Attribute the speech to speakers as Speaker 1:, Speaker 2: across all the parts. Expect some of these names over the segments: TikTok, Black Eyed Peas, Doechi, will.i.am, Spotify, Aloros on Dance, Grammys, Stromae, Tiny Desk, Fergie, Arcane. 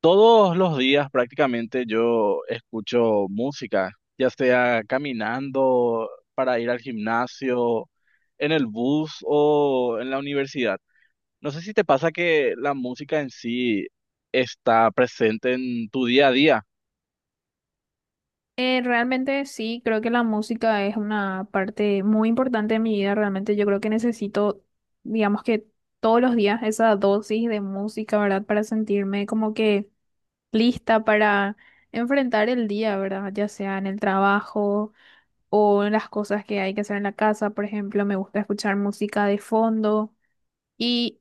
Speaker 1: Todos los días prácticamente yo escucho música, ya sea caminando para ir al gimnasio, en el bus o en la universidad. No sé si te pasa que la música en sí está presente en tu día a día.
Speaker 2: Realmente sí, creo que la música es una parte muy importante de mi vida. Realmente yo creo que necesito, digamos que todos los días, esa dosis de música, ¿verdad? Para sentirme como que lista para enfrentar el día, ¿verdad? Ya sea en el trabajo o en las cosas que hay que hacer en la casa. Por ejemplo, me gusta escuchar música de fondo. Y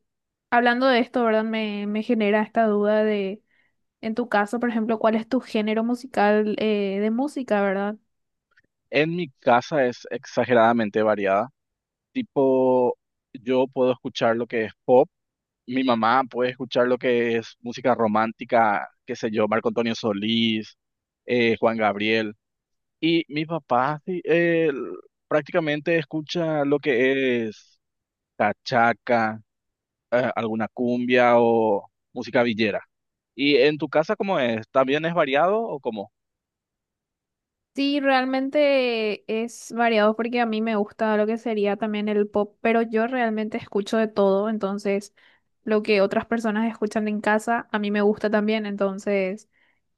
Speaker 2: hablando de esto, ¿verdad? Me genera esta duda de, en tu caso, por ejemplo, ¿cuál es tu género musical de música, verdad?
Speaker 1: En mi casa es exageradamente variada. Tipo, yo puedo escuchar lo que es pop, mi mamá puede escuchar lo que es música romántica, qué sé yo, Marco Antonio Solís, Juan Gabriel. Y mi papá sí, él prácticamente escucha lo que es cachaca, alguna cumbia o música villera. ¿Y en tu casa cómo es? ¿También es variado o cómo?
Speaker 2: Sí, realmente es variado porque a mí me gusta lo que sería también el pop, pero yo realmente escucho de todo, entonces lo que otras personas escuchan en casa a mí me gusta también, entonces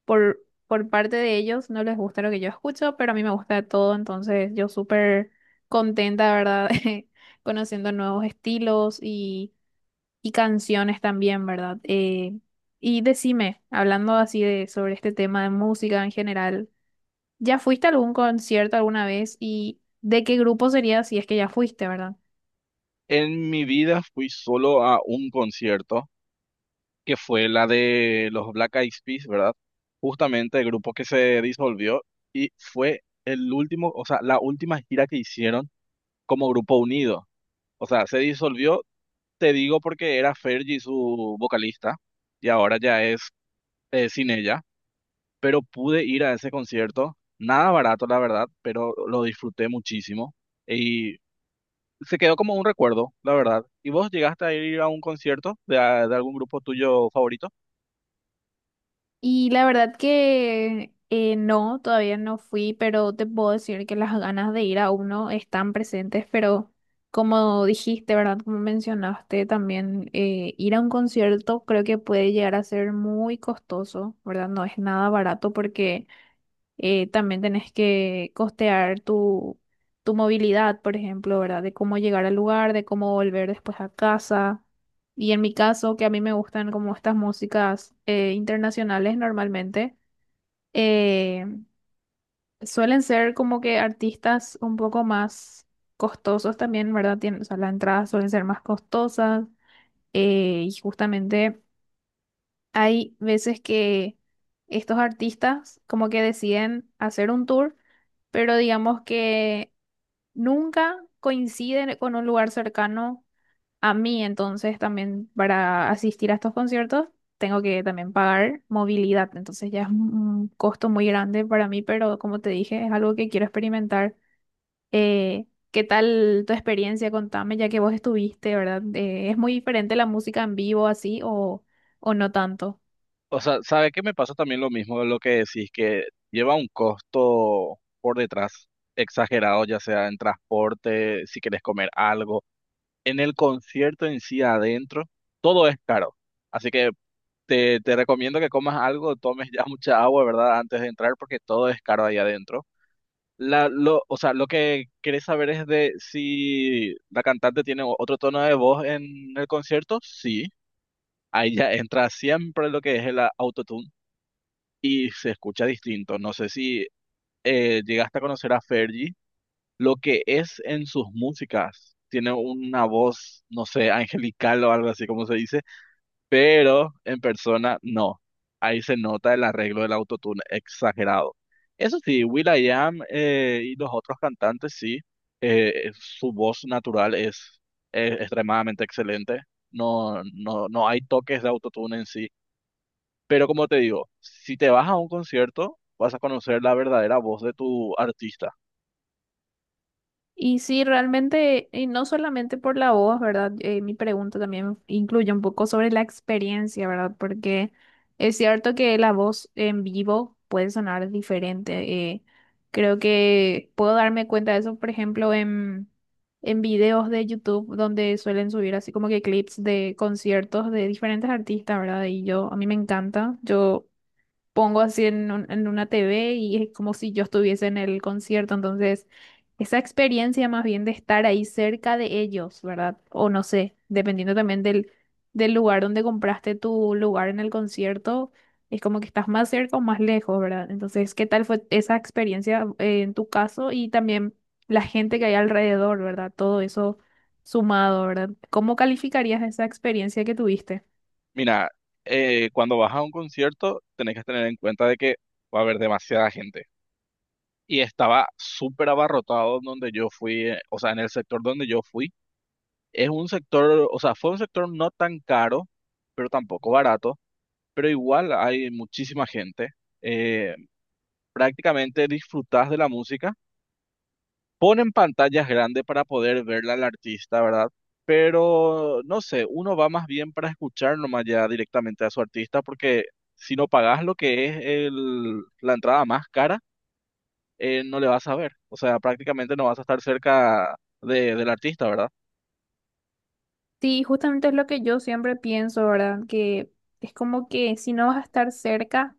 Speaker 2: por, por parte de ellos no les gusta lo que yo escucho, pero a mí me gusta de todo, entonces yo súper contenta, ¿verdad? Conociendo nuevos estilos y canciones también, ¿verdad? Y decime, hablando así de sobre este tema de música en general. ¿Ya fuiste a algún concierto alguna vez y de qué grupo sería si es que ya fuiste, verdad?
Speaker 1: En mi vida fui solo a un concierto, que fue la de los Black Eyed Peas, ¿verdad? Justamente el grupo que se disolvió y fue el último, o sea, la última gira que hicieron como grupo unido. O sea, se disolvió. Te digo porque era Fergie su vocalista y ahora ya es sin ella, pero pude ir a ese concierto, nada barato la verdad, pero lo disfruté muchísimo y se quedó como un recuerdo, la verdad. ¿Y vos llegaste a ir a un concierto de, de algún grupo tuyo favorito?
Speaker 2: Y la verdad que no, todavía no fui, pero te puedo decir que las ganas de ir a uno están presentes, pero como dijiste, ¿verdad? Como mencionaste también, ir a un concierto creo que puede llegar a ser muy costoso, ¿verdad? No es nada barato porque también tenés que costear tu movilidad, por ejemplo, ¿verdad? De cómo llegar al lugar, de cómo volver después a casa. Y en mi caso, que a mí me gustan como estas músicas internacionales normalmente, eh, suelen ser como que artistas un poco más costosos también, ¿verdad? Tienen, o sea, las entradas suelen ser más costosas y justamente, hay veces que estos artistas como que deciden hacer un tour, pero digamos que nunca coinciden con un lugar cercano a mí, entonces también para asistir a estos conciertos tengo que también pagar movilidad, entonces ya es un costo muy grande para mí, pero como te dije, es algo que quiero experimentar. Eh, ¿Qué tal tu experiencia? Contame, ya que vos estuviste, ¿verdad? ¿Es muy diferente la música en vivo así o no tanto?
Speaker 1: O sea, sabe qué me pasa también lo mismo de lo que decís, que lleva un costo por detrás exagerado, ya sea en transporte, si querés comer algo en el concierto en sí adentro, todo es caro. Así que te recomiendo que comas algo, tomes ya mucha agua, ¿verdad? Antes de entrar, porque todo es caro ahí adentro. O sea, lo que querés saber es de si la cantante tiene otro tono de voz en el concierto. Sí, ahí ya entra siempre lo que es el autotune y se escucha distinto. No sé si llegaste a conocer a Fergie, lo que es en sus músicas. Tiene una voz, no sé, angelical o algo así como se dice, pero en persona no. Ahí se nota el arreglo del autotune exagerado. Eso sí, will.i.am y los otros cantantes sí, su voz natural es extremadamente excelente. No hay toques de autotune en sí. Pero como te digo, si te vas a un concierto, vas a conocer la verdadera voz de tu artista.
Speaker 2: Y sí, realmente, y no solamente por la voz, ¿verdad? Mi pregunta también incluye un poco sobre la experiencia, ¿verdad? Porque es cierto que la voz en vivo puede sonar diferente. Creo que puedo darme cuenta de eso, por ejemplo, en videos de YouTube donde suelen subir así como que clips de conciertos de diferentes artistas, ¿verdad? Y yo, a mí me encanta. Yo pongo así en una TV y es como si yo estuviese en el concierto. Entonces, esa experiencia más bien de estar ahí cerca de ellos, ¿verdad? O no sé, dependiendo también del lugar donde compraste tu lugar en el concierto, es como que estás más cerca o más lejos, ¿verdad? Entonces, ¿qué tal fue esa experiencia en tu caso y también la gente que hay alrededor, verdad? Todo eso sumado, ¿verdad? ¿Cómo calificarías esa experiencia que tuviste?
Speaker 1: Mira, cuando vas a un concierto, tenés que tener en cuenta de que va a haber demasiada gente y estaba súper abarrotado donde yo fui, o sea, en el sector donde yo fui. Es un sector, o sea, fue un sector no tan caro, pero tampoco barato, pero igual hay muchísima gente. Eh, prácticamente disfrutás de la música. Ponen pantallas grandes para poder verla al artista, ¿verdad? Pero no sé, uno va más bien para escuchar nomás ya directamente a su artista, porque si no pagás lo que es la entrada más cara, no le vas a ver. O sea, prácticamente no vas a estar cerca de, del artista, ¿verdad?
Speaker 2: Sí, justamente es lo que yo siempre pienso, ¿verdad? Que es como que si no vas a estar cerca,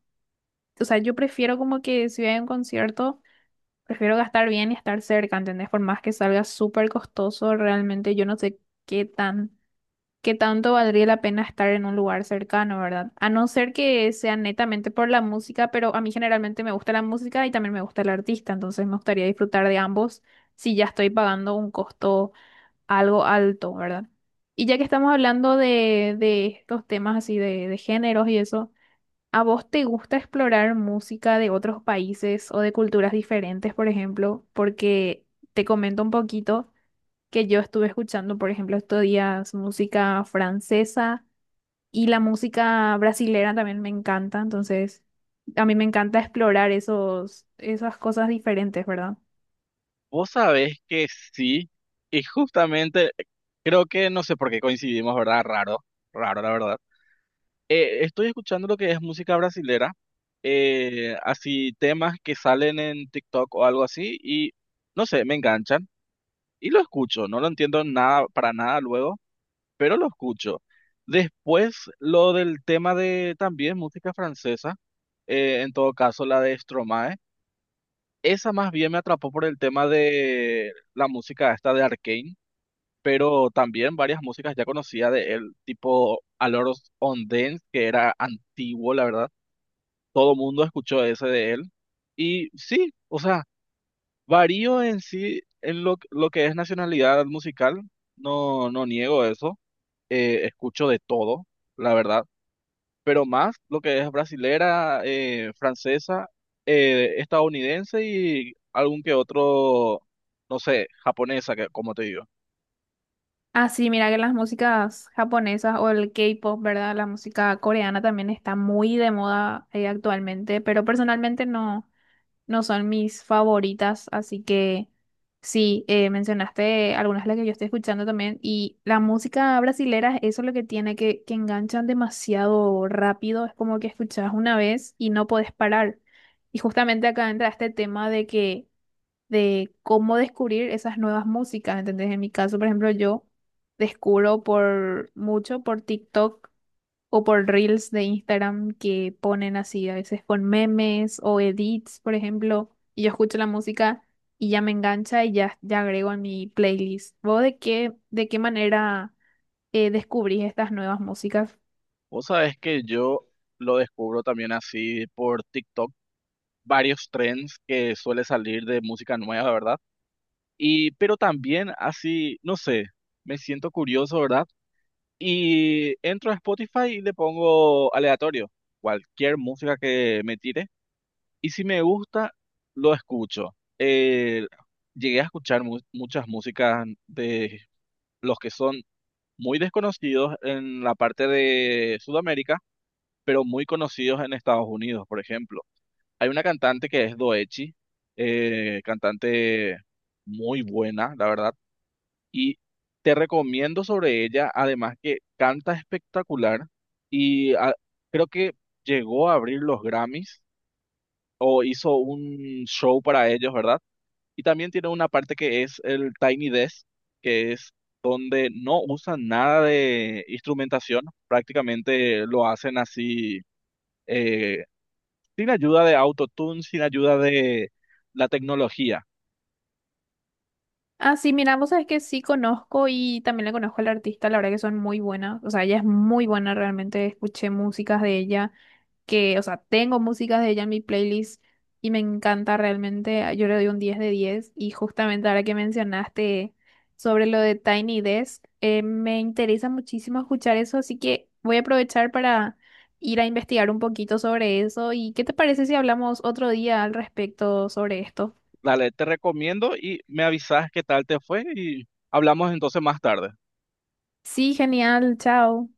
Speaker 2: o sea, yo prefiero como que si voy a un concierto, prefiero gastar bien y estar cerca, ¿entendés? Por más que salga súper costoso, realmente yo no sé qué tan, qué tanto valdría la pena estar en un lugar cercano, ¿verdad? A no ser que sea netamente por la música, pero a mí generalmente me gusta la música y también me gusta el artista, entonces me gustaría disfrutar de ambos si ya estoy pagando un costo algo alto, ¿verdad? Y ya que estamos hablando de estos temas así de géneros y eso, ¿a vos te gusta explorar música de otros países o de culturas diferentes, por ejemplo? Porque te comento un poquito que yo estuve escuchando, por ejemplo, estos días música francesa y la música brasilera también me encanta, entonces a mí me encanta explorar esos, esas cosas diferentes, ¿verdad?
Speaker 1: Vos sabés que sí, y justamente creo que no sé por qué coincidimos, ¿verdad? Raro, raro, la verdad. Estoy escuchando lo que es música brasilera, así temas que salen en TikTok o algo así, y no sé, me enganchan. Y lo escucho, no lo entiendo nada, para nada luego, pero lo escucho. Después, lo del tema de también música francesa, en todo caso la de Stromae, esa más bien me atrapó por el tema de la música esta de Arcane, pero también varias músicas ya conocía de él, tipo Aloros on Dance, que era antiguo, la verdad. Todo mundo escuchó ese de él. Y sí, o sea, varío en sí en lo que es nacionalidad musical, no, no niego eso, escucho de todo, la verdad, pero más lo que es brasilera, francesa, estadounidense y algún que otro, no sé, japonesa, que, como te digo.
Speaker 2: Ah, sí, mira que las músicas japonesas o el K-pop, ¿verdad? La música coreana también está muy de moda actualmente, pero personalmente no, no son mis favoritas, así que sí, mencionaste algunas de las que yo estoy escuchando también, y la música brasilera, eso es lo que tiene, que enganchan demasiado rápido, es como que escuchas una vez y no podés parar. Y justamente acá entra este tema de cómo descubrir esas nuevas músicas, ¿entendés? En mi caso, por ejemplo, yo descubro por mucho por TikTok o por Reels de Instagram que ponen así, a veces con memes o edits, por ejemplo, y yo escucho la música y ya me engancha y ya agrego en mi playlist. ¿Vos de qué manera descubrís estas nuevas músicas?
Speaker 1: Vos sabés que yo lo descubro también así por TikTok, varios trends que suele salir de música nueva, ¿verdad? Y, pero también así, no sé, me siento curioso, ¿verdad? Y entro a Spotify y le pongo aleatorio, cualquier música que me tire. Y si me gusta, lo escucho. Llegué a escuchar muchas músicas de los que son muy desconocidos en la parte de Sudamérica, pero muy conocidos en Estados Unidos, por ejemplo. Hay una cantante que es Doechi, cantante muy buena, la verdad. Y te recomiendo sobre ella, además que canta espectacular y ah, creo que llegó a abrir los Grammys o hizo un show para ellos, ¿verdad? Y también tiene una parte que es el Tiny Desk, que es donde no usan nada de instrumentación, prácticamente lo hacen así, eh, sin ayuda de autotune, sin ayuda de la tecnología.
Speaker 2: Ah, sí, mira, vos sabés que sí conozco y también le conozco al artista, la verdad que son muy buenas, o sea, ella es muy buena realmente, escuché músicas de ella que, o sea, tengo músicas de ella en mi playlist y me encanta realmente, yo le doy un 10 de 10 y justamente ahora que mencionaste sobre lo de Tiny Desk, me interesa muchísimo escuchar eso, así que voy a aprovechar para ir a investigar un poquito sobre eso y ¿qué te parece si hablamos otro día al respecto sobre esto?
Speaker 1: Dale, te recomiendo y me avisas qué tal te fue y hablamos entonces más tarde.
Speaker 2: Sí, genial, chao.